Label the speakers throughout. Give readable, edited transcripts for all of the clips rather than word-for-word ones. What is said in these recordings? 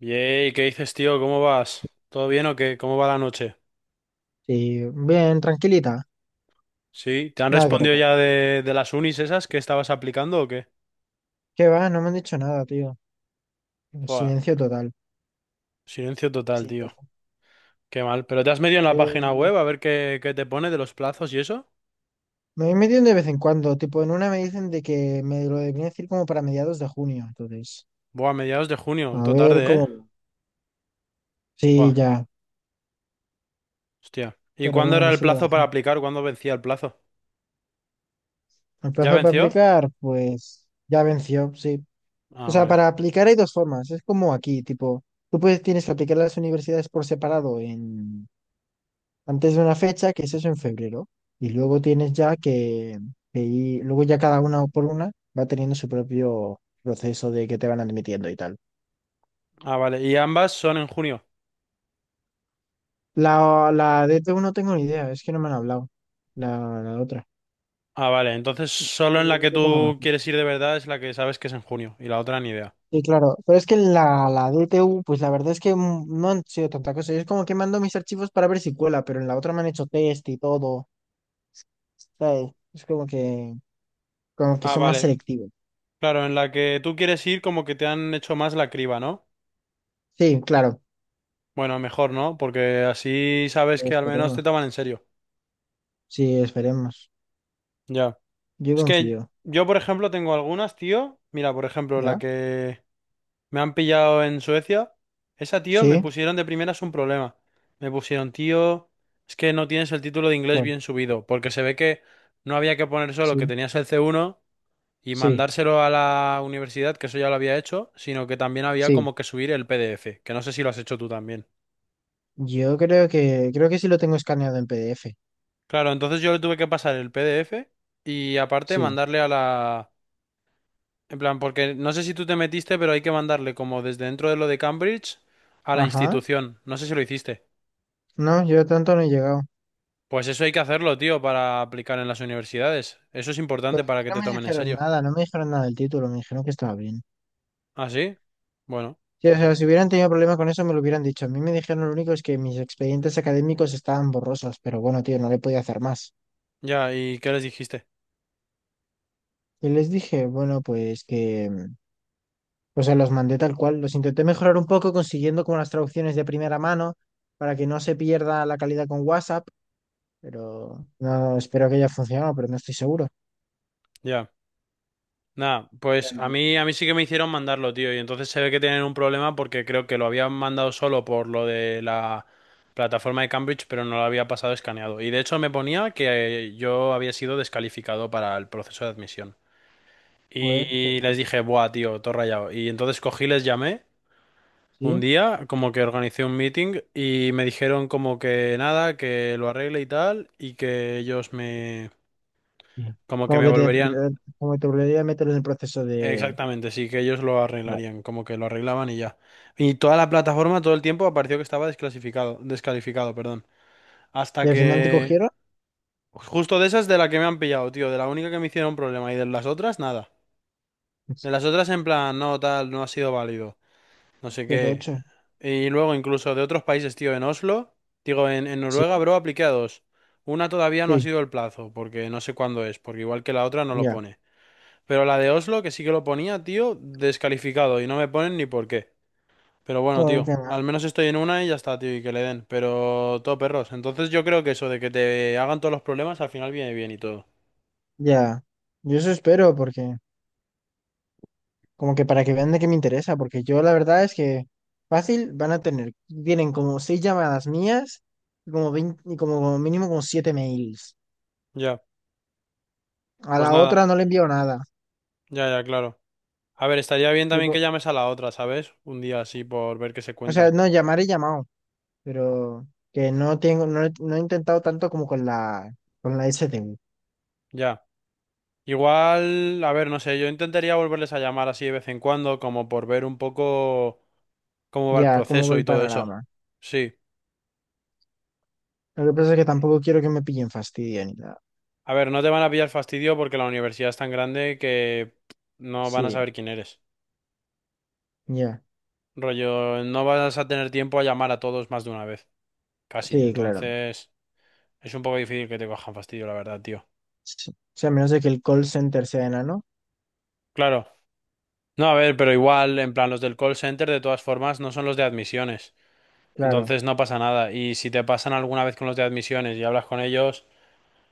Speaker 1: Yey, ¿qué dices, tío? ¿Cómo vas? ¿Todo bien o qué? ¿Cómo va la noche?
Speaker 2: Sí, bien, tranquilita.
Speaker 1: ¿Sí? ¿Te han
Speaker 2: Nada que
Speaker 1: respondido
Speaker 2: recordar.
Speaker 1: ya de las unis esas que estabas aplicando o qué?
Speaker 2: ¿Qué va? No me han dicho nada, tío.
Speaker 1: Fua,
Speaker 2: Silencio total.
Speaker 1: silencio total,
Speaker 2: Sí,
Speaker 1: tío.
Speaker 2: bastante.
Speaker 1: Qué mal. ¿Pero te has metido en la página
Speaker 2: Eh,
Speaker 1: web a ver qué te pone de los plazos y eso?
Speaker 2: me meten de vez en cuando. Tipo, en una me dicen de que me lo deberían decir como para mediados de junio. Entonces,
Speaker 1: Buah, mediados de junio,
Speaker 2: a
Speaker 1: todo
Speaker 2: ver
Speaker 1: tarde, ¿eh?
Speaker 2: cómo.
Speaker 1: Fua,
Speaker 2: Sí, ya.
Speaker 1: hostia. ¿Y
Speaker 2: Pero
Speaker 1: cuándo
Speaker 2: bueno,
Speaker 1: era
Speaker 2: que
Speaker 1: el
Speaker 2: se lo
Speaker 1: plazo
Speaker 2: hacer.
Speaker 1: para aplicar? ¿Cuándo vencía el plazo?
Speaker 2: El
Speaker 1: ¿Ya
Speaker 2: plazo para
Speaker 1: venció?
Speaker 2: aplicar, pues ya venció, sí. O
Speaker 1: Ah,
Speaker 2: sea,
Speaker 1: vale.
Speaker 2: para aplicar hay dos formas. Es como aquí, tipo, tú puedes, tienes que aplicar a las universidades por separado en antes de una fecha, que es eso en febrero, y luego tienes ya que, luego ya cada una por una va teniendo su propio proceso de que te van admitiendo y tal.
Speaker 1: Ah, vale. ¿Y ambas son en junio?
Speaker 2: La DT1 no tengo ni idea, es que no me han hablado. La otra.
Speaker 1: Ah, vale. Entonces, solo en la que
Speaker 2: Yo tengo más.
Speaker 1: tú quieres ir de verdad es la que sabes que es en junio y la otra ni idea.
Speaker 2: Sí, claro, pero es que la DTU, pues la verdad es que no han sido tanta cosa. Yo es como que mando mis archivos para ver si cuela, pero en la otra me han hecho test y todo. ¿Sabes? Es como que
Speaker 1: Ah,
Speaker 2: son más
Speaker 1: vale.
Speaker 2: selectivos.
Speaker 1: Claro, en la que tú quieres ir como que te han hecho más la criba, ¿no?
Speaker 2: Sí, claro.
Speaker 1: Bueno, mejor, ¿no? Porque así
Speaker 2: Y
Speaker 1: sabes que al menos
Speaker 2: esperemos.
Speaker 1: te toman en serio.
Speaker 2: Sí, esperemos.
Speaker 1: Ya.
Speaker 2: Yo
Speaker 1: Es que
Speaker 2: confío,
Speaker 1: yo, por ejemplo, tengo algunas, tío. Mira, por ejemplo, la
Speaker 2: ¿ya?
Speaker 1: que me han pillado en Suecia. Esa, tío, me
Speaker 2: Sí,
Speaker 1: pusieron de primeras un problema. Me pusieron, tío, es que no tienes el título de inglés
Speaker 2: bueno,
Speaker 1: bien subido, porque se ve que no había que poner solo que
Speaker 2: sí,
Speaker 1: tenías el C1 y
Speaker 2: sí,
Speaker 1: mandárselo a la universidad, que eso ya lo había hecho, sino que también había
Speaker 2: sí.
Speaker 1: como que subir el PDF, que no sé si lo has hecho tú también.
Speaker 2: Yo creo que sí lo tengo escaneado en PDF.
Speaker 1: Claro, entonces yo le tuve que pasar el PDF y aparte
Speaker 2: Sí.
Speaker 1: mandarle a la... En plan, porque no sé si tú te metiste, pero hay que mandarle como desde dentro de lo de Cambridge a la
Speaker 2: Ajá.
Speaker 1: institución. No sé si lo hiciste.
Speaker 2: No, yo tanto no he llegado.
Speaker 1: Pues eso hay que hacerlo, tío, para aplicar en las universidades. Eso es importante
Speaker 2: Pero a mí
Speaker 1: para que
Speaker 2: no
Speaker 1: te
Speaker 2: me
Speaker 1: tomen en
Speaker 2: dijeron
Speaker 1: serio.
Speaker 2: nada, no me dijeron nada del título, me dijeron que estaba bien.
Speaker 1: ¿Ah, sí? Bueno,
Speaker 2: Sí, o sea, si hubieran tenido problema con eso, me lo hubieran dicho. A mí me dijeron lo único es que mis expedientes académicos estaban borrosos, pero bueno, tío, no le podía hacer más.
Speaker 1: ya, ¿y qué les dijiste?
Speaker 2: Y les dije, bueno, o sea, los mandé tal cual. Los intenté mejorar un poco consiguiendo como las traducciones de primera mano para que no se pierda la calidad con WhatsApp, pero no espero que haya funcionado, pero no estoy seguro.
Speaker 1: Ya. Nada, pues a mí sí que me hicieron mandarlo, tío, y entonces se ve que tienen un problema porque creo que lo habían mandado solo por lo de la plataforma de Cambridge, pero no lo había pasado escaneado. Y de hecho me ponía que yo había sido descalificado para el proceso de admisión.
Speaker 2: Joder, qué
Speaker 1: Y
Speaker 2: raro.
Speaker 1: les dije, buah, tío, todo rayado. Y entonces cogí, les llamé un
Speaker 2: Sí.
Speaker 1: día, como que organicé un meeting y me dijeron como que nada, que lo arregle y tal, y que ellos me...
Speaker 2: Sí.
Speaker 1: Como que
Speaker 2: Como
Speaker 1: me
Speaker 2: que te,
Speaker 1: volverían...
Speaker 2: como que te volvería a meter en el proceso de...
Speaker 1: Exactamente, sí, que ellos lo
Speaker 2: Vale.
Speaker 1: arreglarían, como que lo arreglaban y ya. Y toda la plataforma todo el tiempo apareció que estaba desclasificado, descalificado, perdón.
Speaker 2: Y
Speaker 1: Hasta
Speaker 2: al final te
Speaker 1: que...
Speaker 2: cogieron.
Speaker 1: Justo de esas de la que me han pillado, tío, de la única que me hicieron problema y de las otras, nada. De las otras en plan, no, tal, no ha sido válido, no sé
Speaker 2: Pero
Speaker 1: qué.
Speaker 2: ocho.
Speaker 1: Y luego incluso de otros países, tío, en Oslo, digo, en Noruega,
Speaker 2: Sí,
Speaker 1: bro, apliqué a dos. Una todavía no ha
Speaker 2: sí,
Speaker 1: sido el plazo, porque no sé cuándo es, porque igual que la otra no lo
Speaker 2: ya.
Speaker 1: pone. Pero la de Oslo, que sí que lo ponía, tío, descalificado. Y no me ponen ni por qué. Pero bueno,
Speaker 2: Joder,
Speaker 1: tío,
Speaker 2: qué
Speaker 1: al
Speaker 2: mal.
Speaker 1: menos estoy en una y ya está, tío, y que le den. Pero todo perros. Entonces yo creo que eso de que te hagan todos los problemas al final viene bien y todo.
Speaker 2: Ya. Yo eso espero porque... Como que para que vean de qué me interesa, porque yo la verdad es que fácil van a tener, tienen como seis llamadas mías y como 20 y como mínimo como siete mails.
Speaker 1: Ya,
Speaker 2: A
Speaker 1: pues
Speaker 2: la
Speaker 1: nada.
Speaker 2: otra no le envío nada.
Speaker 1: Ya, ya, claro. A ver, estaría bien también que
Speaker 2: Tipo,
Speaker 1: llames a la otra, ¿sabes? Un día así por ver qué se
Speaker 2: o sea,
Speaker 1: cuentan.
Speaker 2: no, llamar he llamado, pero que no tengo, no, no he intentado tanto como con la S STU.
Speaker 1: Ya. Igual, a ver, no sé, yo intentaría volverles a llamar así de vez en cuando, como por ver un poco cómo va el
Speaker 2: Ya, como va
Speaker 1: proceso
Speaker 2: el
Speaker 1: y todo eso.
Speaker 2: panorama.
Speaker 1: Sí.
Speaker 2: Lo que pasa es que tampoco quiero que me pillen fastidio ni nada.
Speaker 1: A ver, no te van a pillar fastidio porque la universidad es tan grande que no van a
Speaker 2: Sí,
Speaker 1: saber quién eres.
Speaker 2: ya.
Speaker 1: Rollo, no vas a tener tiempo a llamar a todos más de una vez, casi.
Speaker 2: Sí, claro.
Speaker 1: Entonces, es un poco difícil que te cojan fastidio, la verdad, tío.
Speaker 2: Sí. O sea, a menos de que el call center sea enano.
Speaker 1: Claro. No, a ver, pero igual, en plan, los del call center, de todas formas, no son los de admisiones.
Speaker 2: Claro,
Speaker 1: Entonces, no pasa nada. Y si te pasan alguna vez con los de admisiones y hablas con ellos,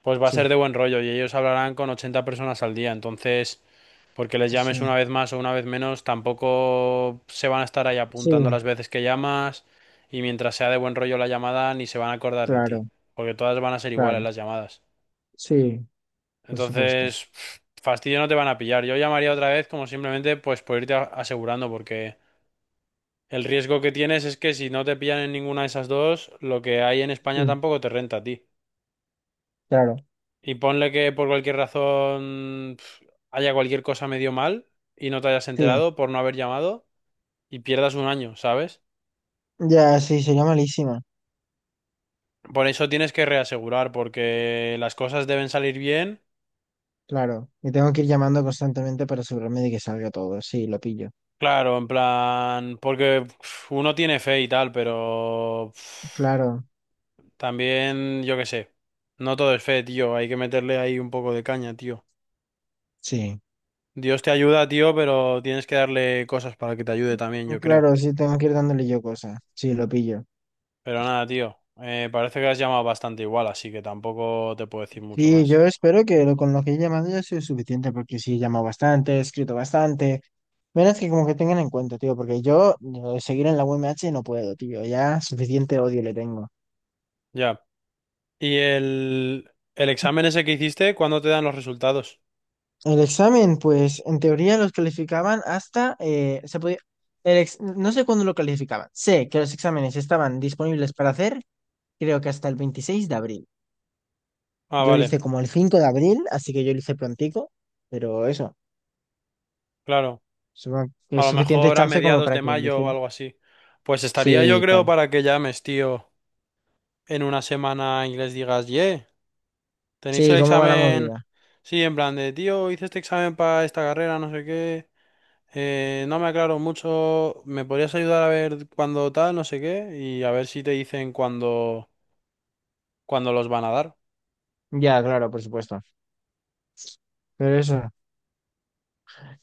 Speaker 1: pues va a ser
Speaker 2: sí,
Speaker 1: de buen rollo y ellos hablarán con 80 personas al día. Entonces... Porque les llames
Speaker 2: sí.
Speaker 1: una vez más o una vez menos, tampoco se van a estar ahí
Speaker 2: Sí,
Speaker 1: apuntando las veces que llamas y mientras sea de buen rollo la llamada ni se van a acordar de ti,
Speaker 2: claro,
Speaker 1: porque todas van a ser iguales
Speaker 2: claro.
Speaker 1: las llamadas.
Speaker 2: Sí, por supuesto.
Speaker 1: Entonces, pff, fastidio no te van a pillar. Yo llamaría otra vez como simplemente pues por irte asegurando, porque el riesgo que tienes es que si no te pillan en ninguna de esas dos, lo que hay en España
Speaker 2: Sí,
Speaker 1: tampoco te renta a ti.
Speaker 2: claro,
Speaker 1: Y ponle que por cualquier razón pff, haya cualquier cosa medio mal y no te hayas
Speaker 2: sí.
Speaker 1: enterado por no haber llamado, y pierdas un año, ¿sabes?
Speaker 2: Ya, sí, sería malísima.
Speaker 1: Por eso tienes que reasegurar, porque las cosas deben salir bien.
Speaker 2: Claro, y tengo que ir llamando constantemente para asegurarme de que salga todo. Sí, lo pillo.
Speaker 1: Claro, en plan, porque uf, uno tiene fe y tal, pero uf,
Speaker 2: Claro.
Speaker 1: también, yo qué sé, no todo es fe, tío, hay que meterle ahí un poco de caña, tío.
Speaker 2: Sí,
Speaker 1: Dios te ayuda, tío, pero tienes que darle cosas para que te ayude también, yo creo.
Speaker 2: claro, sí, tengo que ir dándole yo cosas. Sí, lo pillo.
Speaker 1: Pero nada, tío, parece que has llamado bastante igual, así que tampoco te puedo decir mucho
Speaker 2: Sí,
Speaker 1: más.
Speaker 2: yo espero que con lo que he llamado ya sea suficiente, porque sí, he llamado bastante, he escrito bastante. Menos que como que tengan en cuenta, tío, porque yo seguir en la UMH no puedo, tío. Ya suficiente odio le tengo.
Speaker 1: Ya. ¿Y el examen ese que hiciste, cuándo te dan los resultados?
Speaker 2: El examen, pues en teoría los calificaban hasta, se podía, no sé cuándo lo calificaban. Sé que los exámenes estaban disponibles para hacer, creo que hasta el 26 de abril.
Speaker 1: Ah,
Speaker 2: Yo lo
Speaker 1: vale.
Speaker 2: hice como el 5 de abril, así que yo lo hice prontico, pero eso,
Speaker 1: Claro,
Speaker 2: supongo que
Speaker 1: a
Speaker 2: es
Speaker 1: lo
Speaker 2: suficiente
Speaker 1: mejor a
Speaker 2: chance como
Speaker 1: mediados
Speaker 2: para
Speaker 1: de
Speaker 2: que lo
Speaker 1: mayo o
Speaker 2: hiciera.
Speaker 1: algo así. Pues estaría yo
Speaker 2: Sí,
Speaker 1: creo
Speaker 2: tal.
Speaker 1: para que llames, tío, en una semana y les digas, ye, tenéis
Speaker 2: Sí,
Speaker 1: el
Speaker 2: ¿cómo va la
Speaker 1: examen.
Speaker 2: movida?
Speaker 1: Sí, en plan de, tío, hice este examen para esta carrera, no sé qué. No me aclaro mucho, ¿me podrías ayudar a ver cuándo tal, no sé qué? Y a ver si te dicen cuándo los van a dar.
Speaker 2: Ya, claro, por supuesto. Pero eso,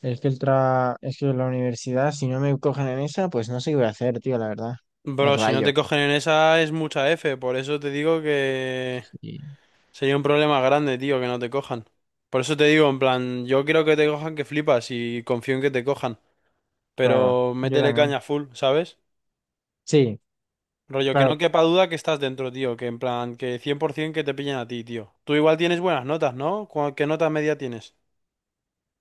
Speaker 2: es que la universidad, si no me cogen en esa, pues no sé qué voy a hacer, tío, la verdad. Me
Speaker 1: Bro, si no
Speaker 2: rayo.
Speaker 1: te cogen en esa es mucha F, por eso te digo que...
Speaker 2: Sí,
Speaker 1: Sería un problema grande, tío, que no te cojan. Por eso te digo, en plan, yo quiero que te cojan que flipas y confío en que te cojan.
Speaker 2: claro,
Speaker 1: Pero
Speaker 2: yo
Speaker 1: métele
Speaker 2: también.
Speaker 1: caña full, ¿sabes?
Speaker 2: Sí,
Speaker 1: Rollo, que
Speaker 2: claro.
Speaker 1: no quepa duda que estás dentro, tío. Que en plan, que 100% que te pillan a ti, tío. Tú igual tienes buenas notas, ¿no? ¿Qué nota media tienes?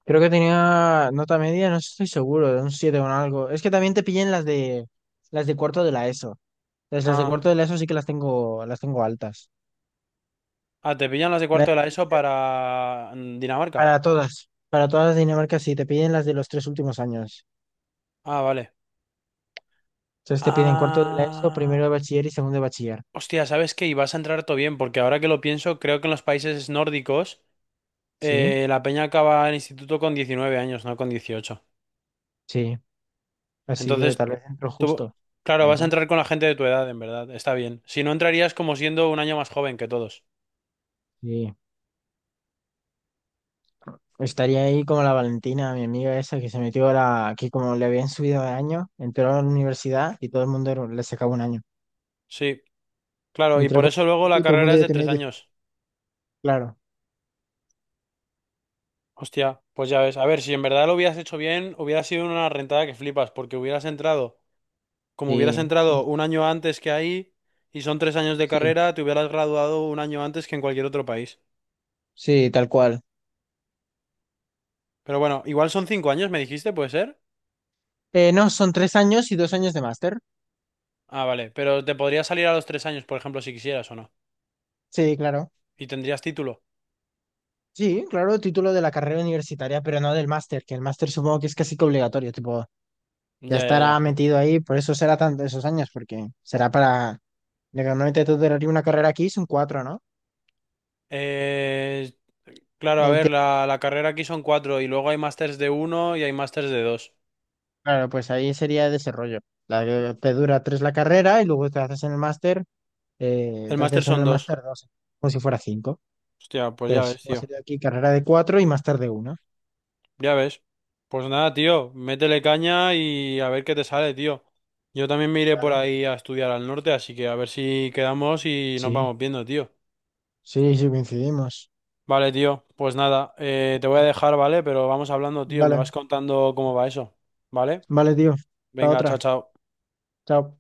Speaker 2: Creo que tenía nota media, no estoy seguro, de un 7 o un algo. Es que también te pillé en las de cuarto de la ESO. Entonces, las de
Speaker 1: Ah,
Speaker 2: cuarto de la ESO sí que las tengo altas.
Speaker 1: ah, te pillan las de cuarto
Speaker 2: La-
Speaker 1: de la ESO para Dinamarca.
Speaker 2: para todas las de Dinamarca sí, te piden las de los 3 últimos años.
Speaker 1: Ah, vale.
Speaker 2: Entonces te piden cuarto de la ESO, primero de
Speaker 1: Ah.
Speaker 2: bachiller y segundo de bachiller.
Speaker 1: Hostia, ¿sabes qué? Y vas a entrar todo bien, porque ahora que lo pienso, creo que en los países nórdicos
Speaker 2: Sí,
Speaker 1: la peña acaba el instituto con 19 años, no con 18.
Speaker 2: sí. Así que
Speaker 1: Entonces,
Speaker 2: tal vez entro
Speaker 1: tú,
Speaker 2: justo,
Speaker 1: claro, vas a
Speaker 2: ¿verdad?
Speaker 1: entrar con la gente de tu edad, en verdad, está bien. Si no, entrarías como siendo un año más joven que todos.
Speaker 2: Sí. Estaría ahí como la Valentina, mi amiga esa que se metió que como le habían subido de año, entró a la universidad y todo el mundo le sacaba un año.
Speaker 1: Sí, claro, y
Speaker 2: Entré
Speaker 1: por
Speaker 2: con...
Speaker 1: eso luego la
Speaker 2: Y todo el mundo
Speaker 1: carrera es
Speaker 2: ya
Speaker 1: de
Speaker 2: tenía
Speaker 1: tres
Speaker 2: 18.
Speaker 1: años.
Speaker 2: Claro,
Speaker 1: Hostia, pues ya ves. A ver, si en verdad lo hubieras hecho bien, hubiera sido una rentada que flipas, porque hubieras entrado, como hubieras
Speaker 2: sí, sí,
Speaker 1: entrado un año antes que ahí, y son 3 años de
Speaker 2: sí,
Speaker 1: carrera, te hubieras graduado un año antes que en cualquier otro país.
Speaker 2: sí, tal cual.
Speaker 1: Pero bueno, igual son 5 años, me dijiste, ¿puede ser?
Speaker 2: No, son 3 años y 2 años de máster.
Speaker 1: Ah, vale, pero te podría salir a los 3 años, por ejemplo, si quisieras o no.
Speaker 2: Sí, claro.
Speaker 1: ¿Y tendrías título?
Speaker 2: Sí, claro, título de la carrera universitaria, pero no del máster, que el máster supongo que es casi que obligatorio, tipo, ya
Speaker 1: Ya, ya,
Speaker 2: estará
Speaker 1: ya.
Speaker 2: metido ahí, por eso será tanto esos años, porque será para... Normalmente tú duraría una carrera aquí, son cuatro, ¿no?
Speaker 1: Eh, claro, a ver,
Speaker 2: Ente-
Speaker 1: la carrera aquí son cuatro y luego hay másters de uno y hay másters de dos.
Speaker 2: Claro, pues ahí sería desarrollo. La que te dura tres la carrera y luego te haces en el máster,
Speaker 1: El
Speaker 2: te
Speaker 1: máster
Speaker 2: haces en
Speaker 1: son
Speaker 2: el
Speaker 1: dos.
Speaker 2: máster dos, como si fuera cinco.
Speaker 1: Hostia, pues ya
Speaker 2: Tres.
Speaker 1: ves,
Speaker 2: Va a
Speaker 1: tío.
Speaker 2: ser aquí carrera de cuatro y más tarde una.
Speaker 1: Ya ves. Pues nada, tío, métele caña y a ver qué te sale, tío. Yo también me iré por
Speaker 2: Vale.
Speaker 1: ahí a estudiar al norte, así que a ver si quedamos y nos
Speaker 2: Sí,
Speaker 1: vamos viendo, tío.
Speaker 2: sí, sí, coincidimos.
Speaker 1: Vale, tío, pues nada, te voy a dejar, ¿vale? Pero vamos hablando, tío, me
Speaker 2: Vale,
Speaker 1: vas contando cómo va eso, ¿vale?
Speaker 2: vale, tío. Hasta
Speaker 1: Venga, chao,
Speaker 2: otra.
Speaker 1: chao.
Speaker 2: Chao.